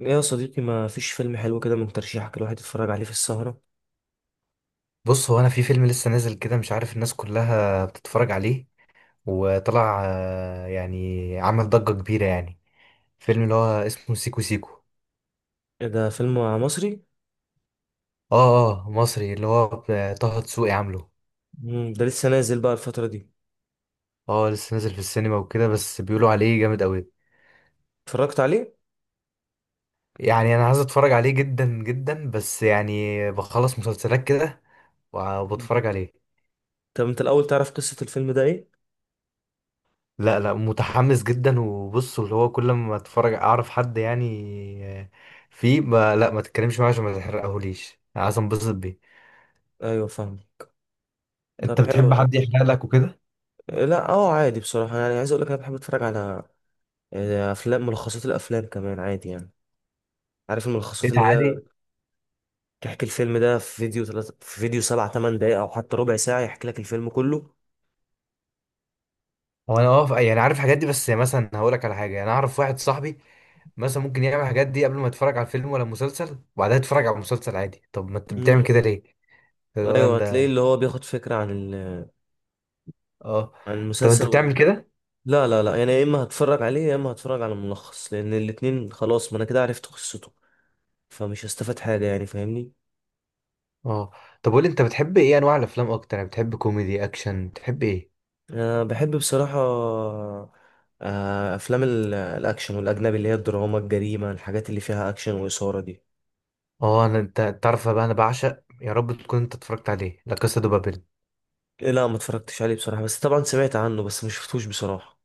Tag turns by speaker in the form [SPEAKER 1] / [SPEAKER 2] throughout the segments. [SPEAKER 1] إيه يا صديقي، ما فيش فيلم حلو كده من ترشيحك الواحد يتفرج عليه في السهرة؟
[SPEAKER 2] بص هو انا في فيلم لسه نازل كده مش عارف الناس كلها بتتفرج عليه وطلع يعني عمل ضجة كبيرة يعني. فيلم اللي هو اسمه سيكو سيكو.
[SPEAKER 1] إيه ده؟ فيلم مصري؟
[SPEAKER 2] اه اه مصري اللي هو طه دسوقي عامله.
[SPEAKER 1] ده لسه نازل بقى الفترة دي.
[SPEAKER 2] اه لسه نازل في السينما وكده بس بيقولوا عليه جامد قوي.
[SPEAKER 1] اتفرجت عليه؟
[SPEAKER 2] يعني انا عايز اتفرج عليه جدا جدا بس يعني بخلص مسلسلات كده
[SPEAKER 1] مم.
[SPEAKER 2] وبتفرج عليه.
[SPEAKER 1] طب انت الاول تعرف قصة الفيلم ده ايه؟
[SPEAKER 2] لا لا متحمس جدا وبص اللي هو كل ما اتفرج اعرف حد، يعني فيه ما تتكلمش معاه عشان ما تحرقهوليش، عايز انبسط بيه.
[SPEAKER 1] ايوه، فاهمك. طب
[SPEAKER 2] انت
[SPEAKER 1] حلو
[SPEAKER 2] بتحب
[SPEAKER 1] يعني.
[SPEAKER 2] حد يحرق لك وكده؟
[SPEAKER 1] إيه؟ لا، عادي بصراحة. يعني عايز اقول لك، انا بحب اتفرج على افلام، ملخصات الافلام كمان عادي يعني. عارف الملخصات
[SPEAKER 2] ايه
[SPEAKER 1] اللي
[SPEAKER 2] تعالي.
[SPEAKER 1] هي تحكي الفيلم ده في فيديو تلات، في فيديو سبع تمن دقايق او حتى ربع ساعة يحكي لك الفيلم كله.
[SPEAKER 2] هو انا واقف يعني عارف الحاجات دي، بس مثلا هقول لك على حاجه. يعني انا اعرف واحد صاحبي مثلا ممكن يعمل الحاجات دي قبل ما يتفرج على الفيلم ولا المسلسل وبعدها يتفرج على المسلسل عادي. طب ما انت بتعمل
[SPEAKER 1] امم.
[SPEAKER 2] كده ليه؟ هو
[SPEAKER 1] ايوه،
[SPEAKER 2] انت.
[SPEAKER 1] هتلاقي اللي هو بياخد فكرة عن ال...
[SPEAKER 2] اه.
[SPEAKER 1] عن
[SPEAKER 2] طب انت بتعمل
[SPEAKER 1] المسلسل.
[SPEAKER 2] كده؟
[SPEAKER 1] لا لا لا، يعني يا اما هتفرج عليه يا اما هتفرج على الملخص، لان الاتنين خلاص ما انا كده عرفت قصته. فمش هستفاد حاجه يعني، فاهمني.
[SPEAKER 2] اه. طب قول لي انت بتحب ايه انواع الافلام اكتر، يعني بتحب كوميدي اكشن بتحب ايه؟
[SPEAKER 1] انا بحب بصراحه افلام الاكشن والاجنبي، اللي هي الدراما، الجريمه، الحاجات اللي فيها اكشن واثاره دي.
[SPEAKER 2] اه انا انت تعرف بقى انا بعشق، يا رب تكون انت اتفرجت عليه، لا كاسا دو بابيل.
[SPEAKER 1] لا، ما اتفرجتش عليه بصراحه، بس طبعا سمعت عنه بس ما شفتوش بصراحه.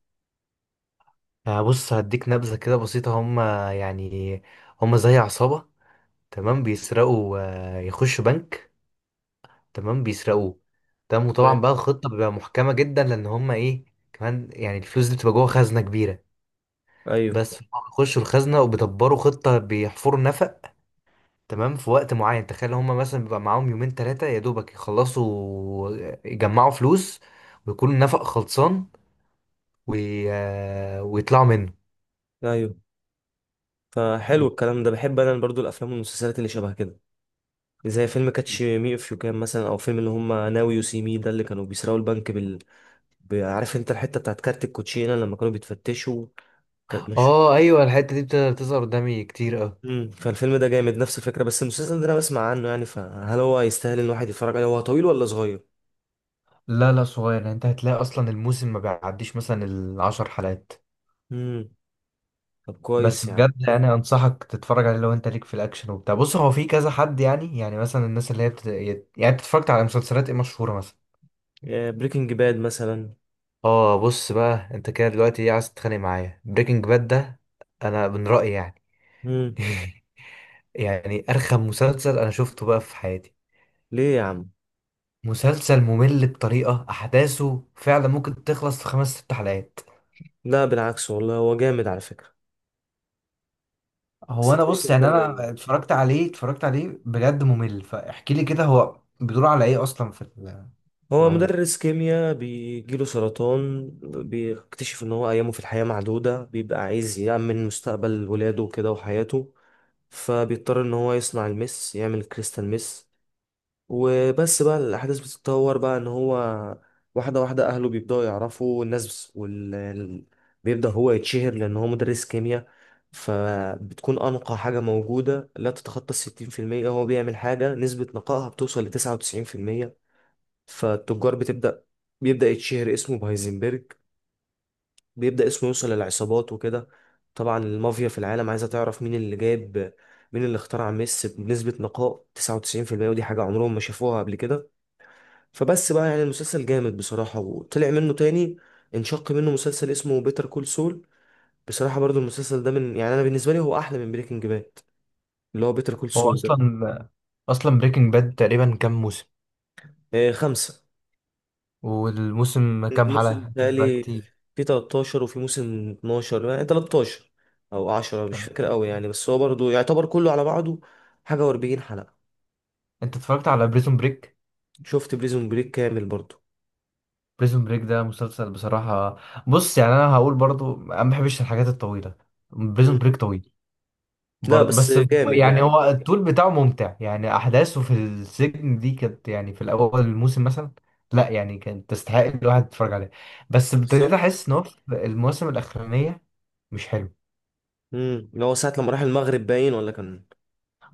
[SPEAKER 2] بص هديك نبذه كده بسيطه. هم يعني هم زي عصابه، تمام، بيسرقوا، يخشوا بنك، تمام، بيسرقوه، تمام. وطبعا بقى الخطه بتبقى محكمه جدا لان هم ايه كمان، يعني الفلوس دي بتبقى جوه خزنه كبيره.
[SPEAKER 1] ايوه،
[SPEAKER 2] بس هم بيخشوا الخزنه وبيدبروا خطه، بيحفروا نفق، تمام، في وقت معين. تخيل هم مثلا بيبقى معاهم 2 3 ايام يا دوبك يخلصوا، يجمعوا فلوس ويكون النفق خلصان، وي... آه، ويطلعوا منه.
[SPEAKER 1] ايوه. فحلو الكلام ده، بحب انا برضو الافلام والمسلسلات اللي شبه كده، زي فيلم كاتش مي اف يو كان مثلا، او فيلم اللي هم ناو يو سي مي ده اللي كانوا بيسرقوا البنك. عارف انت الحته بتاعت كارت الكوتشينه لما كانوا بيتفتشوا، كانت مش...
[SPEAKER 2] اه ايوه الحته دي بتظهر قدامي كتير اه.
[SPEAKER 1] فالفيلم ده جامد، نفس الفكره، بس المسلسل ده انا بسمع عنه يعني، فهل هو يستاهل ان الواحد يتفرج عليه؟ هو طويل ولا صغير؟
[SPEAKER 2] لا لا صغير، يعني انت هتلاقي اصلا الموسم ما بيعديش مثلا 10 حلقات.
[SPEAKER 1] امم. طب
[SPEAKER 2] بس
[SPEAKER 1] كويس يا عم.
[SPEAKER 2] بجد يعني انصحك تتفرج عليه لو انت ليك في الاكشن وبتاع. بص هو في كذا حد يعني، يعني مثلا الناس اللي هي يعني انت اتفرجت على مسلسلات ايه مشهوره مثلا؟
[SPEAKER 1] بريكنج باد مثلا.
[SPEAKER 2] اه بص بقى انت كده دلوقتي ايه، عايز تتخانق معايا؟ بريكنج باد ده انا من رايي يعني
[SPEAKER 1] امم.
[SPEAKER 2] يعني ارخم مسلسل انا شفته بقى في حياتي.
[SPEAKER 1] ليه يا عم؟
[SPEAKER 2] مسلسل ممل بطريقة أحداثه، فعلا ممكن تخلص في 5 6 حلقات.
[SPEAKER 1] لا، بالعكس والله، هو جامد على فكره. بس
[SPEAKER 2] هو أنا
[SPEAKER 1] تلاقيك
[SPEAKER 2] بص
[SPEAKER 1] انت
[SPEAKER 2] يعني
[SPEAKER 1] اللي...
[SPEAKER 2] أنا اتفرجت عليه اتفرجت عليه بجد ممل. فاحكي لي كده هو بيدور على إيه أصلا في في
[SPEAKER 1] هو
[SPEAKER 2] العموم؟
[SPEAKER 1] مدرس كيمياء بيجيله سرطان. بيكتشف ان هو ايامه في الحياه معدوده، بيبقى عايز يأمن مستقبل ولاده وكده وحياته. فبيضطر ان هو يصنع المس، يعمل كريستال مس. وبس بقى الاحداث بتتطور بقى ان هو واحده واحده اهله بيبداوا يعرفوا الناس وال... ال-. بيبدا هو يتشهر لان هو مدرس كيمياء، فبتكون انقى حاجه موجوده لا تتخطى 60%، هو بيعمل حاجه نسبه نقائها بتوصل لتسعة وتسعين في المية. فالتجار بتبدا. بيبدا يتشهر اسمه بهايزنبرج. بيبدأ اسمه يوصل للعصابات وكده. طبعا المافيا في العالم عايزة تعرف مين اللي جايب، مين اللي اخترع ميسي بنسبة نقاء 99%. ودي حاجة عمرهم ما شافوها قبل كده. فبس بقى يعني المسلسل جامد بصراحة. وطلع منه تاني، انشق منه مسلسل اسمه بيتر كول سول. بصراحة برضو المسلسل ده، من يعني أنا بالنسبة لي هو أحلى من بريكنج باد، اللي هو بيتر كول
[SPEAKER 2] هو
[SPEAKER 1] سول ده.
[SPEAKER 2] أصلا أصلا بريكنج باد تقريبا كام موسم؟
[SPEAKER 1] آه، 5.
[SPEAKER 2] والموسم كام
[SPEAKER 1] موسم
[SPEAKER 2] حلقة؟ أكيد بقى
[SPEAKER 1] بتهيألي
[SPEAKER 2] كتير.
[SPEAKER 1] في 13، وفي موسم 12، يعني 13 او 10، مش
[SPEAKER 2] آه.
[SPEAKER 1] فاكر قوي يعني، بس هو برضو يعتبر كله على بعضه حاجة و40 حلقة.
[SPEAKER 2] أنت اتفرجت على بريزون بريك؟
[SPEAKER 1] شفت بريزون بريك كامل برضو.
[SPEAKER 2] بريزون بريك ده مسلسل بصراحة. بص يعني أنا هقول برضو أنا ما بحبش الحاجات الطويلة، بريزون
[SPEAKER 1] مم.
[SPEAKER 2] بريك طويل
[SPEAKER 1] لا
[SPEAKER 2] برضه.
[SPEAKER 1] بس جامد
[SPEAKER 2] يعني
[SPEAKER 1] يعني.
[SPEAKER 2] هو الطول بتاعه ممتع، يعني احداثه في السجن دي كانت، يعني في الاول الموسم مثلا، لا يعني كانت تستحق الواحد يتفرج عليها. بس ابتديت
[SPEAKER 1] بالظبط.
[SPEAKER 2] احس ان هو في المواسم الاخرانيه مش حلو.
[SPEAKER 1] اللي هو ساعة لما راح المغرب باين، ولا كان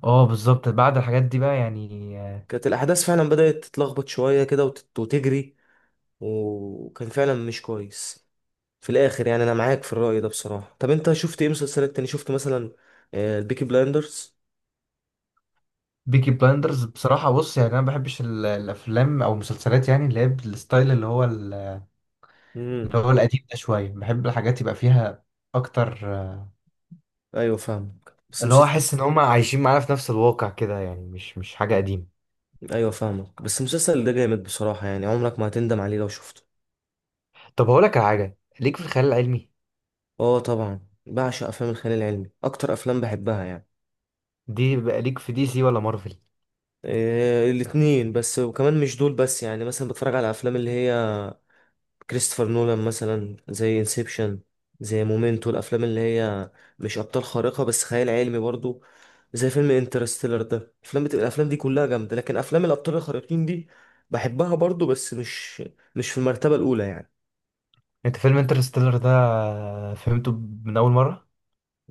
[SPEAKER 2] اه بالظبط بعد الحاجات دي بقى يعني.
[SPEAKER 1] كانت الأحداث فعلا بدأت تتلخبط شوية كده وتجري، وكان فعلا مش كويس في الآخر يعني. أنا معاك في الرأي ده بصراحة. طب أنت شفت إيه مسلسلات تاني؟ شفت مثلا البيكي بلايندرز.
[SPEAKER 2] بيكي بلاندرز بصراحه، بص يعني انا ما بحبش الافلام او المسلسلات يعني اللي هي بالستايل اللي هو اللي هو القديم ده شويه. بحب الحاجات يبقى فيها اكتر
[SPEAKER 1] ايوه، فاهمك بس
[SPEAKER 2] اللي هو
[SPEAKER 1] مسلسل.
[SPEAKER 2] احس ان هم عايشين معانا في نفس الواقع كده، يعني مش مش حاجه قديمه.
[SPEAKER 1] ايوه، فاهمك بس المسلسل ده جامد بصراحه، يعني عمرك ما هتندم عليه لو شفته.
[SPEAKER 2] طب هقول لك على حاجه ليك في الخيال العلمي؟
[SPEAKER 1] اه طبعا. بعشق افلام الخيال العلمي، اكتر افلام بحبها يعني.
[SPEAKER 2] دي بقى ليك في دي سي ولا مارفل؟
[SPEAKER 1] إيه، الاتنين، بس وكمان مش دول بس يعني. مثلا بتفرج على افلام اللي هي كريستوفر نولان مثلا زي انسبشن، زي مومنتو، الافلام اللي هي مش ابطال خارقه بس خيال علمي برضو، زي فيلم انترستيلر ده. الافلام بتبقى الافلام دي كلها جامده. لكن افلام الابطال الخارقين دي بحبها برضو، بس مش مش في المرتبه الاولى يعني.
[SPEAKER 2] انت فيلم انترستيلر ده فهمته من اول مره؟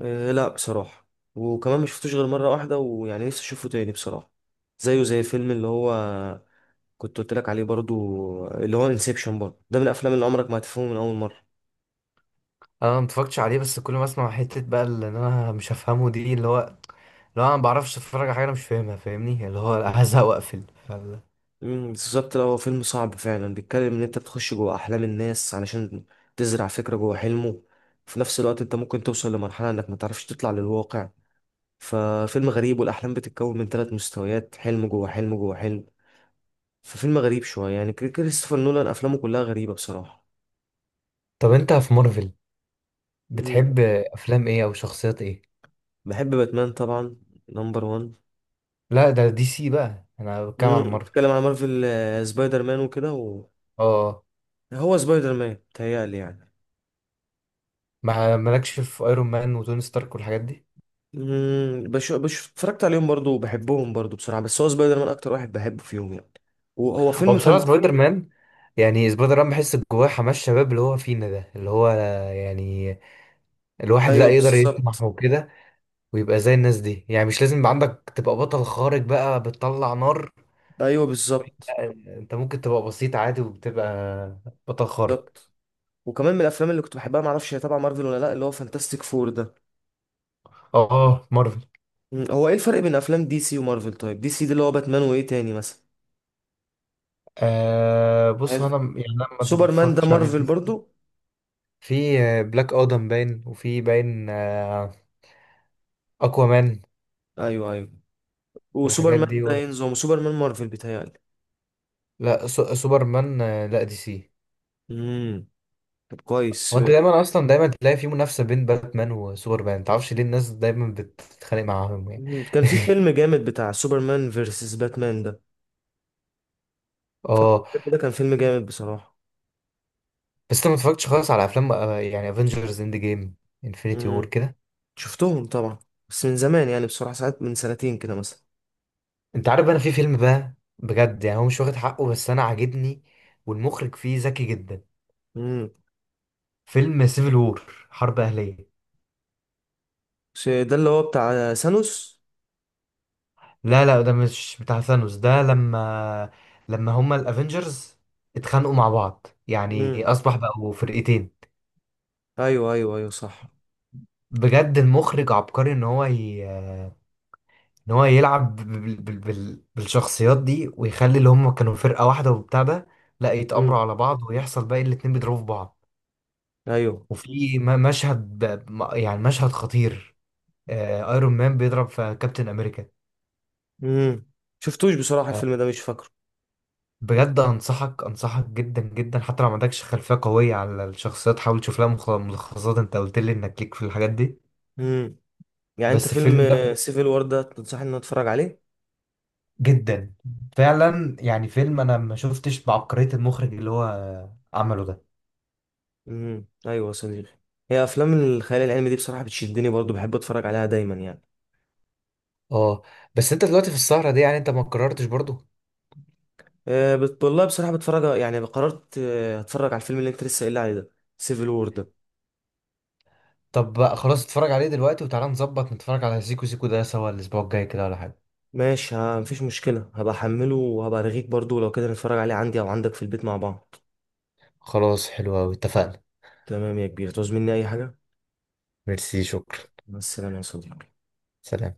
[SPEAKER 1] لا بصراحة. وكمان ما شفتوش غير مرة واحدة، ويعني نفسي اشوفه تاني بصراحة. زيه زي فيلم اللي هو كنت قلت لك عليه برضو، اللي هو انسبشن برضو، ده من الافلام اللي عمرك ما هتفهمه من اول مرة.
[SPEAKER 2] انا ما اتفرجتش عليه بس كل ما اسمع حته بقى اللي انا مش هفهمه دي اللي هو، اللي هو انا ما بعرفش اتفرج على حاجه انا مش فاهمها، فاهمني اللي هو هزهق واقفل. ف-
[SPEAKER 1] مم، بالظبط. لا، هو فيلم صعب فعلا، بيتكلم ان انت بتخش جوه احلام الناس علشان تزرع فكرة جوه حلمه. في نفس الوقت انت ممكن توصل لمرحلة انك ما تعرفش تطلع للواقع. ففيلم غريب، والاحلام بتتكون من 3 مستويات، حلم جوه حلم جوه حلم. ففيلم غريب شوية يعني، كريستوفر نولان افلامه كلها غريبة بصراحة.
[SPEAKER 2] طب انت في مارفل بتحب افلام ايه او شخصيات ايه؟
[SPEAKER 1] بحب باتمان طبعا، نمبر وان.
[SPEAKER 2] لا ده دي سي، بقى انا بتكلم على مارفل.
[SPEAKER 1] بتتكلم عن مارفل، سبايدر مان وكده و...
[SPEAKER 2] اه.
[SPEAKER 1] هو سبايدر مان تهيألي يعني.
[SPEAKER 2] ما مالكش في ايرون مان وتوني ستارك والحاجات دي؟
[SPEAKER 1] اتفرجت عليهم برضو وبحبهم برضو بصراحة. بس هو سبايدر مان أكتر واحد بحبه فيهم يعني. وهو
[SPEAKER 2] هو
[SPEAKER 1] فيلم
[SPEAKER 2] بصراحة
[SPEAKER 1] فانتا...
[SPEAKER 2] سبايدر مان، يعني سبايدر مان بحس جواه حماس شباب اللي هو فينا ده اللي هو، يعني الواحد لا
[SPEAKER 1] أيوه
[SPEAKER 2] يقدر يطمح
[SPEAKER 1] بالظبط.
[SPEAKER 2] وكده ويبقى زي الناس دي. يعني مش لازم يبقى عندك تبقى بطل خارق بقى بتطلع نار،
[SPEAKER 1] أيوه بالظبط.
[SPEAKER 2] لا، انت ممكن تبقى بسيط عادي وبتبقى بطل خارق.
[SPEAKER 1] بالظبط. وكمان من الأفلام اللي كنت بحبها، معرفش هي تبع مارفل ولا لأ، اللي هو فانتاستيك فور ده.
[SPEAKER 2] اه مارفل.
[SPEAKER 1] هو إيه الفرق بين أفلام دي سي ومارفل؟ طيب دي سي دي اللي هو باتمان وإيه تاني مثلا؟
[SPEAKER 2] آه بص هو
[SPEAKER 1] عايز-
[SPEAKER 2] يعني انا ما
[SPEAKER 1] سوبرمان ده
[SPEAKER 2] بتفرجتش على
[SPEAKER 1] مارفل
[SPEAKER 2] دي
[SPEAKER 1] برضو.
[SPEAKER 2] سي. في بلاك ادم باين وفي باين اكوامان،
[SPEAKER 1] أيوه أيوه،
[SPEAKER 2] الحاجات
[SPEAKER 1] وسوبرمان
[SPEAKER 2] دي
[SPEAKER 1] ده
[SPEAKER 2] و...
[SPEAKER 1] ينظم وسوبرمان مارفل بيتهيألي.
[SPEAKER 2] لا سو... سوبرمان لا دي سي.
[SPEAKER 1] امم. طب
[SPEAKER 2] هو
[SPEAKER 1] كويس.
[SPEAKER 2] انت دايما اصلا دايما تلاقي في منافسه بين باتمان وسوبرمان، متعرفش ليه الناس دايما بتتخانق معاهم يعني.
[SPEAKER 1] كان في فيلم جامد بتاع سوبرمان فيرسس باتمان ده، فاكر
[SPEAKER 2] اه.
[SPEAKER 1] الفيلم ده؟ كان فيلم جامد بصراحة.
[SPEAKER 2] بس انت ما اتفرجتش خالص على افلام، يعني افنجرز اند جيم انفينيتي وور
[SPEAKER 1] امم.
[SPEAKER 2] كده؟
[SPEAKER 1] شفتهم طبعا، بس من زمان يعني بصراحة، ساعات من سنتين كده مثلا.
[SPEAKER 2] انت عارف انا في فيلم بقى بجد، يعني هو مش واخد حقه بس انا عاجبني والمخرج فيه ذكي جدا.
[SPEAKER 1] امم.
[SPEAKER 2] فيلم سيفل وور، حرب اهليه.
[SPEAKER 1] ده اللي هو بتاع ثانوس؟
[SPEAKER 2] لا لا ده مش بتاع ثانوس. ده لما هما الافنجرز اتخانقوا مع بعض، يعني
[SPEAKER 1] امم.
[SPEAKER 2] اصبح بقوا فرقتين.
[SPEAKER 1] ايوه ايوه ايوه صح.
[SPEAKER 2] بجد المخرج عبقري ان ان هو يلعب بالشخصيات دي ويخلي اللي هم كانوا فرقة واحدة وبتاع ده، لا يتآمروا
[SPEAKER 1] امم.
[SPEAKER 2] على بعض ويحصل بقى الاتنين بيضربوا في بعض.
[SPEAKER 1] ايوه.
[SPEAKER 2] وفي مشهد يعني مشهد خطير ايرون مان بيضرب في كابتن امريكا.
[SPEAKER 1] امم. شفتوش بصراحة،
[SPEAKER 2] آه،
[SPEAKER 1] الفيلم ده مش فاكره.
[SPEAKER 2] بجد انصحك انصحك جدا جدا حتى لو ما عندكش خلفية قوية على الشخصيات، حاول تشوف لها ملخصات. انت قلت لي انك ليك في الحاجات دي.
[SPEAKER 1] امم. يعني انت
[SPEAKER 2] بس
[SPEAKER 1] فيلم
[SPEAKER 2] الفيلم ده
[SPEAKER 1] سيفل وور ده تنصحني ان أنا اتفرج عليه؟
[SPEAKER 2] جدا فعلا، يعني فيلم انا ما شفتش بعبقرية المخرج اللي هو عمله ده.
[SPEAKER 1] امم. ايوه يا صديقي. هي افلام الخيال العلمي دي بصراحه بتشدني برضو، بحب اتفرج عليها دايما يعني.
[SPEAKER 2] اه بس انت دلوقتي في السهرة دي يعني انت ما قررتش برضو؟
[SPEAKER 1] أه، والله بصراحه بتفرج. يعني قررت هتفرج على الفيلم اللي انت لسه قايل لي عليه ده، سيفل وور ده.
[SPEAKER 2] طب بقى خلاص اتفرج عليه دلوقتي وتعالى نظبط نتفرج على سيكو سيكو ده سوا الاسبوع الجاي كده ولا حاجة.
[SPEAKER 1] ماشي، ها مفيش مشكله، هبقى احمله وهبقى ارغيك برضو لو كده نتفرج عليه عندي او عندك في البيت مع بعض.
[SPEAKER 2] خلاص حلو أوي، اتفقنا.
[SPEAKER 1] تمام يا كبير، تعوز مني اي حاجه؟
[SPEAKER 2] ميرسي، شكرا.
[SPEAKER 1] مع السلامه يا صديقي.
[SPEAKER 2] سلام.